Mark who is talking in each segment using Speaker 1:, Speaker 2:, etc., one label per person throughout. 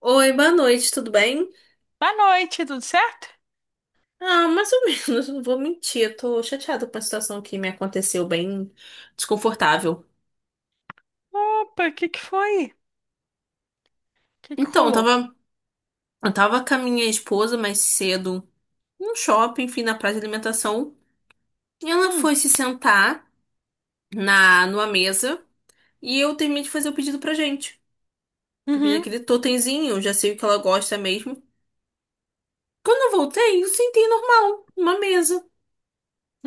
Speaker 1: Oi, boa noite, tudo bem?
Speaker 2: Boa noite, tudo certo?
Speaker 1: Ah, mais ou menos, não vou mentir, eu tô chateada com a situação que me aconteceu, bem desconfortável.
Speaker 2: Opa, o que foi? O que
Speaker 1: Então, eu
Speaker 2: rolou?
Speaker 1: tava, eu tava com a minha esposa mais cedo num shopping, enfim, na praia de alimentação, e ela
Speaker 2: Hum,
Speaker 1: foi se sentar numa mesa e eu terminei de fazer o pedido pra gente. Fiz
Speaker 2: uhum,
Speaker 1: aquele totemzinho, já sei o que ela gosta mesmo. Quando eu voltei, eu sentei normal, numa mesa.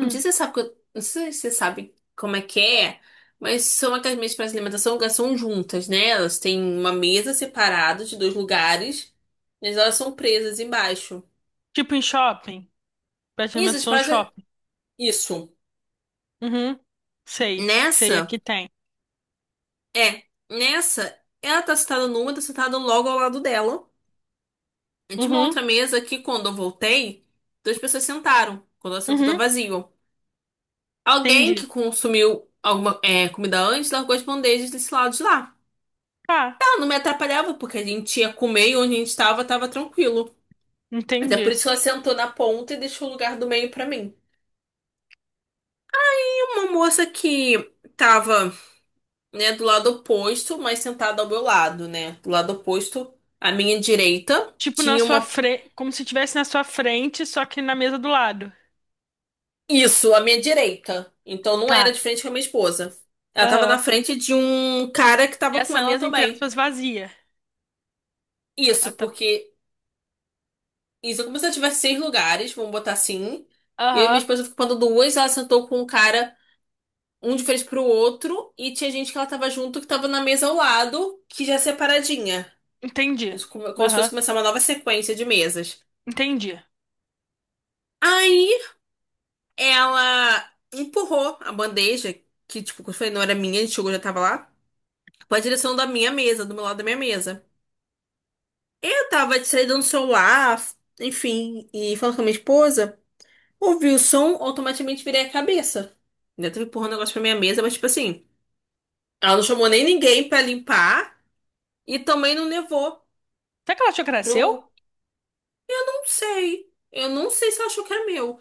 Speaker 1: Não sei se você sabe, não sei se você sabe como é que é, mas são aquelas mesas para alimentação que são juntas, né? Elas têm uma mesa separada de dois lugares, mas elas são presas embaixo.
Speaker 2: Tipo em shopping,
Speaker 1: Nisso, as
Speaker 2: pré-alimentação no
Speaker 1: paradas...
Speaker 2: shopping.
Speaker 1: Isso.
Speaker 2: Uhum, sei, sei,
Speaker 1: Nessa,
Speaker 2: aqui tem.
Speaker 1: é. Nessa, ela tá sentada numa, tá sentada logo ao lado dela. E tinha uma outra
Speaker 2: Uhum,
Speaker 1: mesa que, quando eu voltei, duas pessoas sentaram. Quando ela sentou, tá
Speaker 2: uhum,
Speaker 1: vazio. Alguém
Speaker 2: entendi.
Speaker 1: que consumiu alguma, comida antes largou as bandejas desse lado de lá.
Speaker 2: Tá,
Speaker 1: Ah, não me atrapalhava, porque a gente ia comer e onde a gente tava, tava tranquilo. Até por
Speaker 2: entendi.
Speaker 1: isso ela sentou na ponta e deixou o lugar do meio pra mim. E uma moça que tava, né, do lado oposto, mas sentada ao meu lado, né? Do lado oposto, à minha direita,
Speaker 2: Tipo na
Speaker 1: tinha
Speaker 2: sua
Speaker 1: uma.
Speaker 2: frente, como se estivesse na sua frente, só que na mesa do lado.
Speaker 1: Isso, à minha direita. Então não era
Speaker 2: Tá,
Speaker 1: de frente com a minha esposa. Ela tava na
Speaker 2: aham.
Speaker 1: frente de um cara que tava com
Speaker 2: Essa
Speaker 1: ela
Speaker 2: mesa, entre
Speaker 1: também.
Speaker 2: aspas, vazia.
Speaker 1: Isso,
Speaker 2: Ah, tá.
Speaker 1: porque. Isso é como se eu tivesse seis lugares, vamos botar assim. E eu e minha
Speaker 2: Aham,
Speaker 1: esposa ficando duas, ela sentou com um cara um de frente pro outro, e tinha gente que ela tava junto, que tava na mesa ao lado, que já é separadinha.
Speaker 2: entendi.
Speaker 1: Como se fosse
Speaker 2: Aham,
Speaker 1: começar uma nova sequência de mesas.
Speaker 2: entendi.
Speaker 1: Aí ela empurrou a bandeja, que, tipo, como eu falei, não era minha, a gente chegou, já tava lá, pra direção da minha mesa, do meu lado da minha mesa. Eu tava distraída no celular, enfim, e falando com a minha esposa, ouvi o som, automaticamente virei a cabeça. Ainda tava empurrando o negócio pra minha mesa, mas, tipo assim, ela não chamou nem ninguém pra limpar e também não levou
Speaker 2: Será que ela achou que era seu?
Speaker 1: pro Não sei. Eu não sei se eu achou que era meu.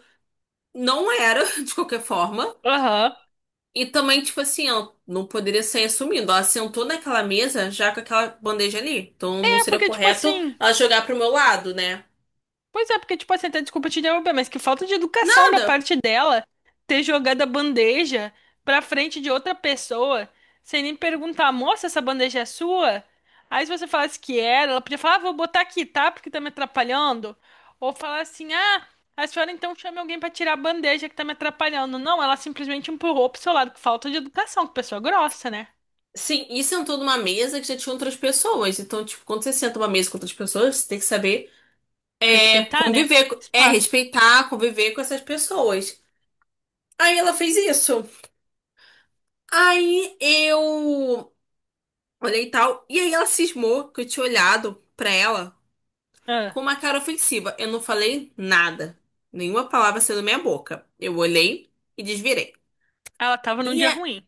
Speaker 1: Não era, de qualquer forma.
Speaker 2: Aham.
Speaker 1: E também, tipo assim, ela não poderia sair assumindo. Ela sentou naquela mesa já com aquela bandeja ali. Então não
Speaker 2: É,
Speaker 1: seria
Speaker 2: porque tipo
Speaker 1: correto
Speaker 2: assim...
Speaker 1: ela jogar pro meu lado, né?
Speaker 2: Pois é, porque, tipo assim, até desculpa te interromper, mas que falta de educação da
Speaker 1: Nada.
Speaker 2: parte dela ter jogado a bandeja pra frente de outra pessoa, sem nem perguntar, moça, essa bandeja é sua? Aí se você falasse que era, ela podia falar, ah, vou botar aqui, tá? Porque tá me atrapalhando. Ou falar assim, ah, a senhora então chame alguém pra tirar a bandeja que tá me atrapalhando. Não, ela simplesmente empurrou pro seu lado, que falta de educação, que pessoa grossa, né?
Speaker 1: Sim, e sentou numa mesa que já tinha outras pessoas. Então, tipo, quando você senta numa mesa com outras pessoas, você tem que saber
Speaker 2: Respeitar, né?
Speaker 1: conviver, é
Speaker 2: Espaço.
Speaker 1: respeitar, conviver com essas pessoas. Aí ela fez isso. Aí eu olhei e tal. E aí ela cismou que eu tinha olhado pra ela.
Speaker 2: Ah,
Speaker 1: Com uma cara ofensiva, eu não falei nada. Nenhuma palavra saiu da minha boca. Eu olhei e desvirei.
Speaker 2: ela tava
Speaker 1: E
Speaker 2: num dia
Speaker 1: a-
Speaker 2: ruim.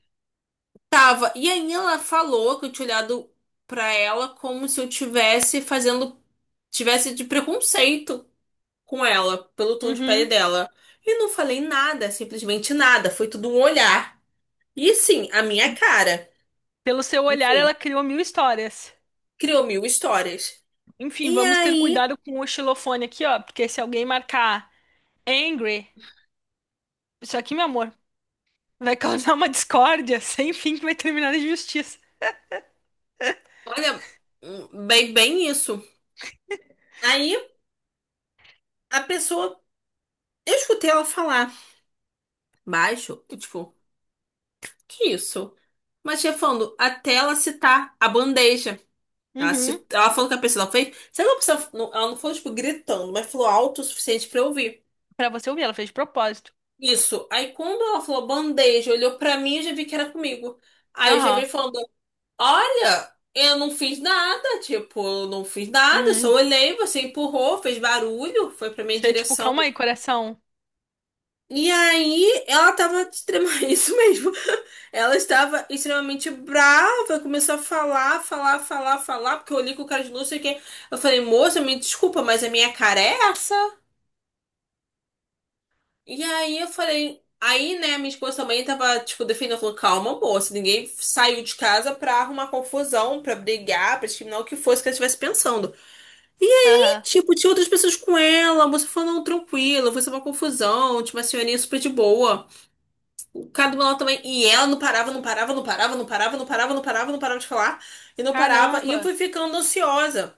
Speaker 1: Tava. E aí ela falou que eu tinha olhado pra ela como se eu tivesse fazendo. Tivesse de preconceito com ela, pelo tom de pele
Speaker 2: Uhum.
Speaker 1: dela. E não falei nada, simplesmente nada. Foi tudo um olhar. E sim, a minha cara.
Speaker 2: Pelo seu olhar,
Speaker 1: Enfim,
Speaker 2: ela criou mil histórias.
Speaker 1: criou mil histórias.
Speaker 2: Enfim,
Speaker 1: E
Speaker 2: vamos ter
Speaker 1: aí,
Speaker 2: cuidado com o xilofone aqui, ó, porque se alguém marcar angry, isso aqui, meu amor, vai causar uma discórdia sem fim que vai terminar em justiça.
Speaker 1: olha, bem, bem isso. Aí a pessoa. Eu escutei ela falar. Baixo? Eu, tipo, que isso? Mas, chefando, até ela citar a bandeja.
Speaker 2: Uhum.
Speaker 1: Ela falou que a pessoa fez. Sabe que a pessoa. Ela não falou, tipo, gritando, mas falou alto o suficiente pra eu ouvir.
Speaker 2: Pra você ouvir, ela fez de propósito.
Speaker 1: Isso. Aí, quando ela falou bandeja, olhou pra mim e já vi que era comigo. Aí eu já vi
Speaker 2: Aham.
Speaker 1: falando: Olha, eu não fiz nada. Tipo, eu não fiz nada. Eu só
Speaker 2: Hum.
Speaker 1: olhei, você empurrou, fez barulho, foi pra minha
Speaker 2: Você, é tipo,
Speaker 1: direção.
Speaker 2: calma aí, coração.
Speaker 1: E aí, ela tava extremamente, isso mesmo. Ela estava extremamente brava, começou a falar, falar, falar, falar, porque eu olhei com cara de luz, sei que eu falei, moça, me desculpa, mas a minha cara é essa? E aí eu falei, aí, né, minha esposa também tava, tipo, defendendo, falou, calma, moça, ninguém saiu de casa pra arrumar confusão, pra brigar, pra discriminar o que fosse que ela estivesse pensando. E,
Speaker 2: Aham.
Speaker 1: tipo, tinha outras pessoas com ela, a moça falou, não, tranquila, foi só uma confusão, tinha uma senhorinha super de boa. O cara do meu lado também. E ela não parava, não parava, não parava, não parava, não parava, não parava, não parava de falar. E não parava. E eu
Speaker 2: Caramba.
Speaker 1: fui ficando ansiosa.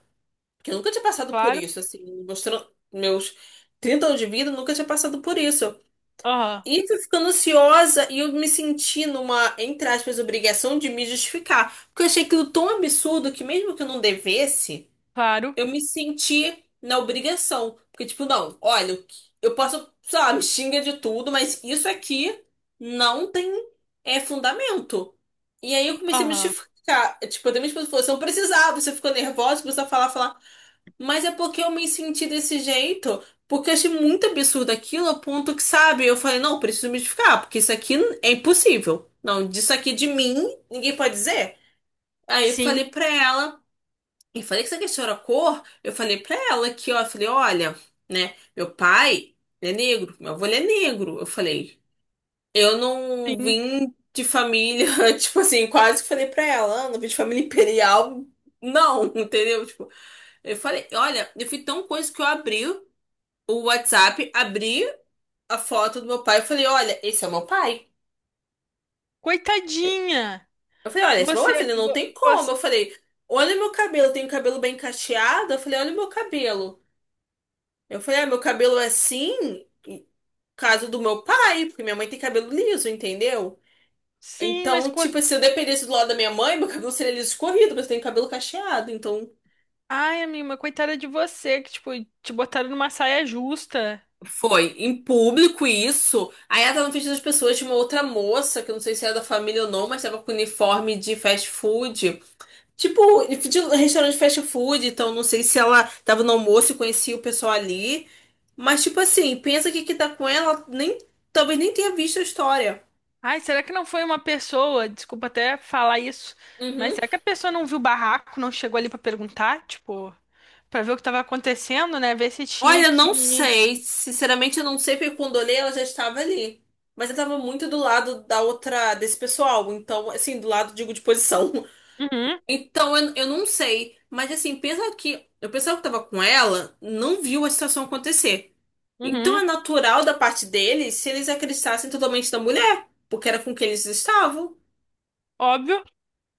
Speaker 1: Porque eu nunca tinha passado por
Speaker 2: Claro.
Speaker 1: isso, assim. Mostrando meus 30 anos de vida, eu nunca tinha passado por isso.
Speaker 2: Aham.
Speaker 1: E fui ficando ansiosa e eu me senti numa, entre aspas, obrigação de me justificar. Porque eu achei aquilo tão absurdo que mesmo que eu não devesse
Speaker 2: Claro.
Speaker 1: eu me senti na obrigação. Porque, tipo, não, olha, eu posso, sei lá, me xinga de tudo, mas isso aqui não tem fundamento. E aí eu comecei a me
Speaker 2: Aham.
Speaker 1: justificar. É, tipo, até minha esposa falou, você não precisava, você ficou nervosa, começou a falar, falar. Mas é porque eu me senti desse jeito. Porque eu achei muito absurdo aquilo, a ponto que, sabe, eu falei, não, preciso me justificar, porque isso aqui é impossível. Não, disso aqui de mim, ninguém pode dizer. Aí eu
Speaker 2: Sim.
Speaker 1: falei pra ela. E falei que essa questão era cor, eu falei pra ela que, ó, eu falei, olha, né, meu pai é negro, meu avô ele é negro. Eu falei, eu não
Speaker 2: Sim.
Speaker 1: vim de família, tipo assim, quase que falei pra ela, "Ah, não vim de família imperial, não, entendeu? Tipo, eu falei, olha, eu fui tão coisa que eu abri o WhatsApp, abri a foto do meu pai, e falei, olha, esse é meu pai.
Speaker 2: Coitadinha.
Speaker 1: Eu falei, olha, esse é meu pai. Eu
Speaker 2: Você,
Speaker 1: falei, não
Speaker 2: vo-
Speaker 1: tem como.
Speaker 2: você...
Speaker 1: Eu falei, olha meu cabelo, eu tenho cabelo bem cacheado. Eu falei, olha meu cabelo. Eu falei, ah, meu cabelo é assim, caso do meu pai, porque minha mãe tem cabelo liso, entendeu?
Speaker 2: Sim, mas
Speaker 1: Então, tipo, assim, se eu dependesse do lado da minha mãe, meu cabelo seria liso escorrido, mas eu tenho cabelo cacheado, então.
Speaker 2: ai, amiga, coitada de você, que, tipo, te botaram numa saia justa.
Speaker 1: Foi em público isso. Aí ela tava no vestido das pessoas, tinha uma outra moça, que eu não sei se era da família ou não, mas tava com uniforme de fast food. Tipo, de restaurante de fast food, então não sei se ela tava no almoço e conhecia o pessoal ali. Mas, tipo assim, pensa que quem tá com ela nem, talvez nem tenha visto a história.
Speaker 2: Ai, será que não foi uma pessoa? Desculpa até falar isso, mas
Speaker 1: Uhum.
Speaker 2: será que a pessoa não viu o barraco, não chegou ali pra perguntar, tipo, pra ver o que tava acontecendo, né? Ver se tinha
Speaker 1: Olha, não
Speaker 2: que.
Speaker 1: sei. Sinceramente, eu não sei porque quando olhei ela já estava ali. Mas eu estava muito do lado da outra, desse pessoal. Então, assim, do lado, digo, de posição.
Speaker 2: Uhum,
Speaker 1: Então, eu não sei. Mas, assim, pensa que o pessoal que estava com ela não viu a situação acontecer. Então, é
Speaker 2: uhum,
Speaker 1: natural da parte deles se eles acreditassem totalmente na mulher, porque era com quem eles estavam,
Speaker 2: óbvio,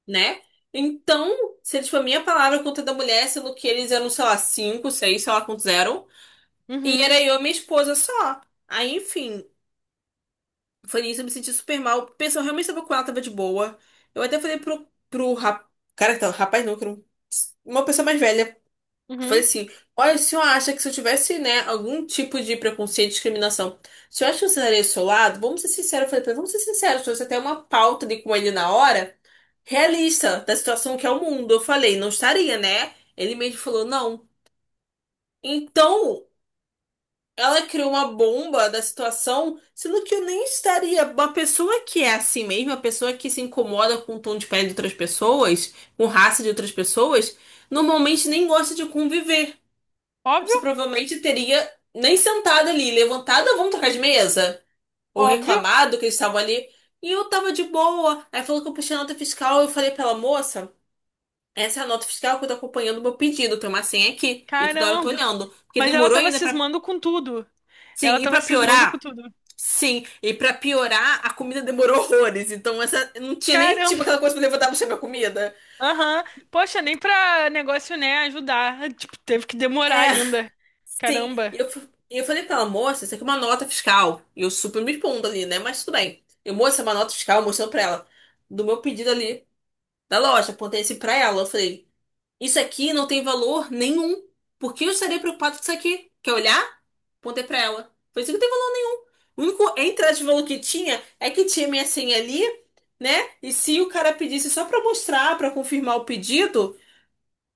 Speaker 1: né? Então, se eles, tipo, a minha palavra contra a da mulher, sendo que eles eram, sei lá, cinco, seis, sei lá quantos eram. E
Speaker 2: uhum,
Speaker 1: era eu e minha esposa só. Aí, enfim, foi nisso, eu me senti super mal. Pensou, realmente sabia que ela tava de boa. Eu até falei pro cara, então, rapaz não, que era uma pessoa mais velha. Falei
Speaker 2: uhum,
Speaker 1: assim, olha, o senhor acha que se eu tivesse, né, algum tipo de preconceito, discriminação, o senhor acha que eu estaria do seu lado? Vamos ser sinceros, eu falei pra ele, vamos ser sinceros, se você tem uma pauta ali com ele na hora, realista, da situação que é o mundo. Eu falei, não estaria, né? Ele mesmo falou, não. Então, ela criou uma bomba da situação, sendo que eu nem estaria. Uma pessoa que é assim mesmo, uma pessoa que se incomoda com o tom de pele de outras pessoas, com raça de outras pessoas, normalmente nem gosta de conviver.
Speaker 2: óbvio,
Speaker 1: Você provavelmente teria nem sentado ali, levantada, vamos trocar de mesa? Ou
Speaker 2: óbvio.
Speaker 1: reclamado que eles estavam ali. E eu tava de boa. Aí falou que eu puxei a nota fiscal. Eu falei pra ela, moça, essa é a nota fiscal que eu tô acompanhando o meu pedido. Tem uma senha aqui. E eu toda hora tô
Speaker 2: Caramba!
Speaker 1: olhando. Porque
Speaker 2: Mas ela
Speaker 1: demorou
Speaker 2: tava
Speaker 1: ainda pra.
Speaker 2: cismando com tudo. Ela
Speaker 1: Sim, e
Speaker 2: tava
Speaker 1: pra
Speaker 2: cismando com
Speaker 1: piorar.
Speaker 2: tudo.
Speaker 1: Sim, e pra piorar, a comida demorou horrores. Então, essa não tinha nem tipo
Speaker 2: Caramba!
Speaker 1: aquela coisa pra levantar pra chegar a comida.
Speaker 2: Aham. Poxa, nem pra negócio, né, ajudar. Tipo, teve que demorar
Speaker 1: É,
Speaker 2: ainda.
Speaker 1: sim.
Speaker 2: Caramba.
Speaker 1: E eu falei pra ela, moça, isso aqui é uma nota fiscal. E eu super me expondo ali, né? Mas tudo bem. Eu, moça, é uma nota fiscal, mostrando pra ela. Do meu pedido ali da loja. Apontei assim pra ela. Eu falei, isso aqui não tem valor nenhum. Por que eu estaria preocupado com isso aqui? Quer olhar? Mandei pra ela. Por isso que não tem valor nenhum. O único entrada de valor que tinha é que tinha minha senha ali, né? E se o cara pedisse só pra mostrar, pra confirmar o pedido,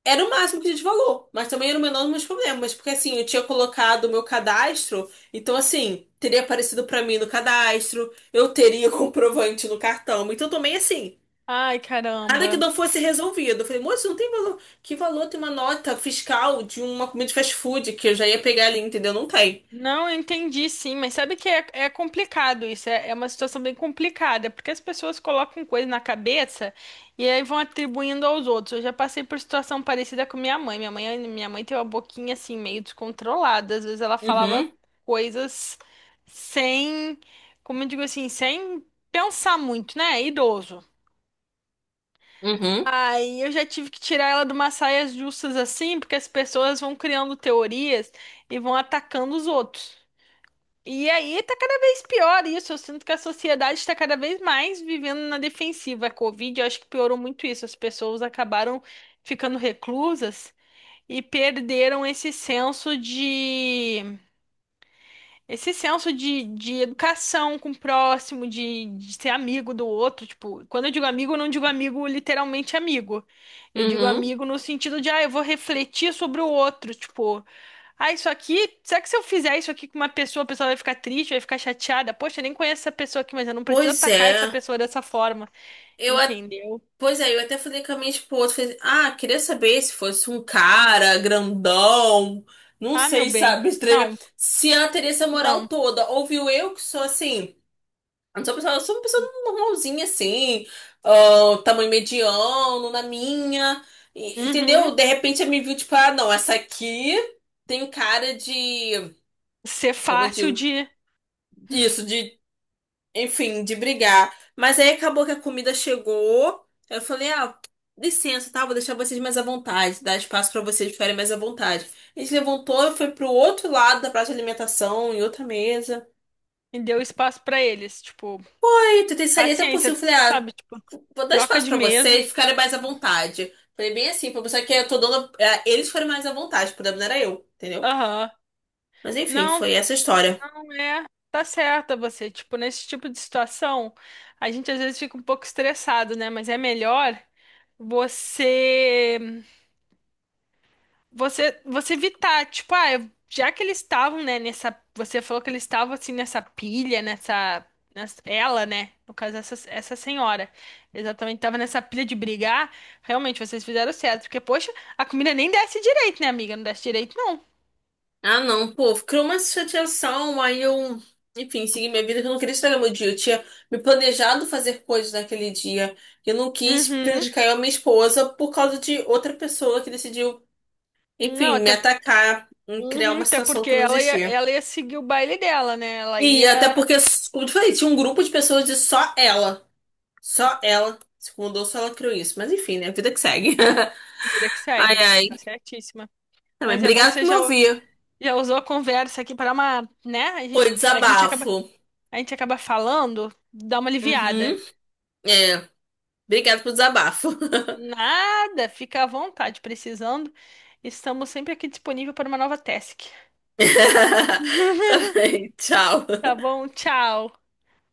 Speaker 1: era o máximo que tinha de valor. Mas também era o menor dos meus problemas. Porque assim, eu tinha colocado o meu cadastro, então assim, teria aparecido pra mim no cadastro, eu teria comprovante no cartão. Então também assim,
Speaker 2: Ai,
Speaker 1: nada que
Speaker 2: caramba.
Speaker 1: não fosse resolvido. Eu falei, moço, não tem valor. Que valor tem uma nota fiscal de uma comida de fast food que eu já ia pegar ali, entendeu? Não tem.
Speaker 2: Não, eu entendi sim, mas sabe que é complicado isso, é uma situação bem complicada, porque as pessoas colocam coisa na cabeça e aí vão atribuindo aos outros. Eu já passei por situação parecida com minha mãe. Minha mãe tem uma boquinha assim, meio descontrolada. Às vezes ela falava
Speaker 1: Uhum,
Speaker 2: coisas sem, como eu digo assim, sem pensar muito, né? É idoso.
Speaker 1: uhum.
Speaker 2: Aí eu já tive que tirar ela de umas saias justas assim, porque as pessoas vão criando teorias e vão atacando os outros. E aí tá cada vez pior isso. Eu sinto que a sociedade está cada vez mais vivendo na defensiva. A Covid, eu acho que piorou muito isso. As pessoas acabaram ficando reclusas e perderam esse senso de educação com o próximo, de ser amigo do outro, tipo, quando eu digo amigo, eu não digo amigo literalmente amigo. Eu digo
Speaker 1: Uhum.
Speaker 2: amigo no sentido de, ah, eu vou refletir sobre o outro, tipo, ah, isso aqui, será que se eu fizer isso aqui com uma pessoa, a pessoa vai ficar triste, vai ficar chateada? Poxa, eu nem conheço essa pessoa aqui, mas eu não preciso
Speaker 1: Pois
Speaker 2: atacar essa
Speaker 1: é.
Speaker 2: pessoa dessa forma,
Speaker 1: Eu, a-
Speaker 2: entendeu?
Speaker 1: Pois é, eu até falei com a minha esposa, falei, ah, queria saber se fosse um cara grandão, não
Speaker 2: Ah, meu
Speaker 1: sei,
Speaker 2: bem,
Speaker 1: sabe, estranho,
Speaker 2: não,
Speaker 1: se ela teria essa moral
Speaker 2: não.
Speaker 1: toda. Ouviu eu que sou assim, não sou uma pessoa, eu sou uma pessoa normalzinha assim, ah, tamanho mediano, na minha, entendeu?
Speaker 2: Uhum.
Speaker 1: De repente ela me viu tipo, ah, não, essa aqui tem cara de,
Speaker 2: Ser
Speaker 1: como eu
Speaker 2: fácil
Speaker 1: digo, isso, enfim, de brigar. Mas aí acabou que a comida chegou. Eu falei, ah, licença, tá? Vou deixar vocês mais à vontade, dar espaço pra vocês ficarem mais à vontade. A gente levantou e foi pro outro lado da praça de alimentação, em outra mesa.
Speaker 2: de dar espaço pra eles, tipo,
Speaker 1: Aí, tentei sair até possível.
Speaker 2: paciência,
Speaker 1: Falei, ah,
Speaker 2: sabe? Tipo,
Speaker 1: vou dar
Speaker 2: troca
Speaker 1: espaço
Speaker 2: de
Speaker 1: pra
Speaker 2: mesa.
Speaker 1: vocês ficarem mais à vontade. Falei bem assim, pra mostrar que eu tô dando. É, eles foram mais à vontade, o problema não era eu, entendeu?
Speaker 2: Aham.
Speaker 1: Mas enfim,
Speaker 2: Não,
Speaker 1: foi essa a história.
Speaker 2: não é. Tá certa você. Tipo, nesse tipo de situação, a gente às vezes fica um pouco estressado, né? Mas é melhor você você evitar, tipo, ah, eu- já que eles estavam, né, nessa, você falou que eles estavam assim nessa pilha, nessa, nessa- ela, né, no caso essa, essa senhora, exatamente estava nessa pilha de brigar, realmente vocês fizeram certo, porque poxa, a comida nem desce direito, né, amiga? Não desce direito, não.
Speaker 1: Ah, não, pô, criou uma chateação, aí eu, enfim, segui minha vida, que eu não queria estragar meu dia. Eu tinha me planejado fazer coisas naquele dia, e eu não quis
Speaker 2: Uhum.
Speaker 1: prejudicar eu e a minha esposa por causa de outra pessoa que decidiu,
Speaker 2: Não,
Speaker 1: enfim, me
Speaker 2: até
Speaker 1: atacar, em criar
Speaker 2: uhum,
Speaker 1: uma
Speaker 2: até
Speaker 1: situação
Speaker 2: porque
Speaker 1: que não existia.
Speaker 2: ela ia seguir o baile dela, né? Ela
Speaker 1: E até
Speaker 2: ia.
Speaker 1: porque, como eu te falei, tinha um grupo de pessoas de só ela se mudou, só ela criou isso. Mas enfim, né, vida que segue.
Speaker 2: Vida que
Speaker 1: Ai,
Speaker 2: segue. Tá
Speaker 1: ai.
Speaker 2: certíssima.
Speaker 1: Também,
Speaker 2: Mas é bom que
Speaker 1: obrigado
Speaker 2: você
Speaker 1: por me
Speaker 2: já,
Speaker 1: ouvir.
Speaker 2: já usou a conversa aqui para uma, né? A
Speaker 1: Foi
Speaker 2: gente, a gente acaba,
Speaker 1: desabafo.
Speaker 2: a gente acaba falando, dá uma
Speaker 1: Uhum.
Speaker 2: aliviada.
Speaker 1: É, obrigado pelo desabafo.
Speaker 2: Nada, fica à vontade, precisando. Estamos sempre aqui disponível para uma nova task.
Speaker 1: Também, tchau.
Speaker 2: Tá bom? Tchau.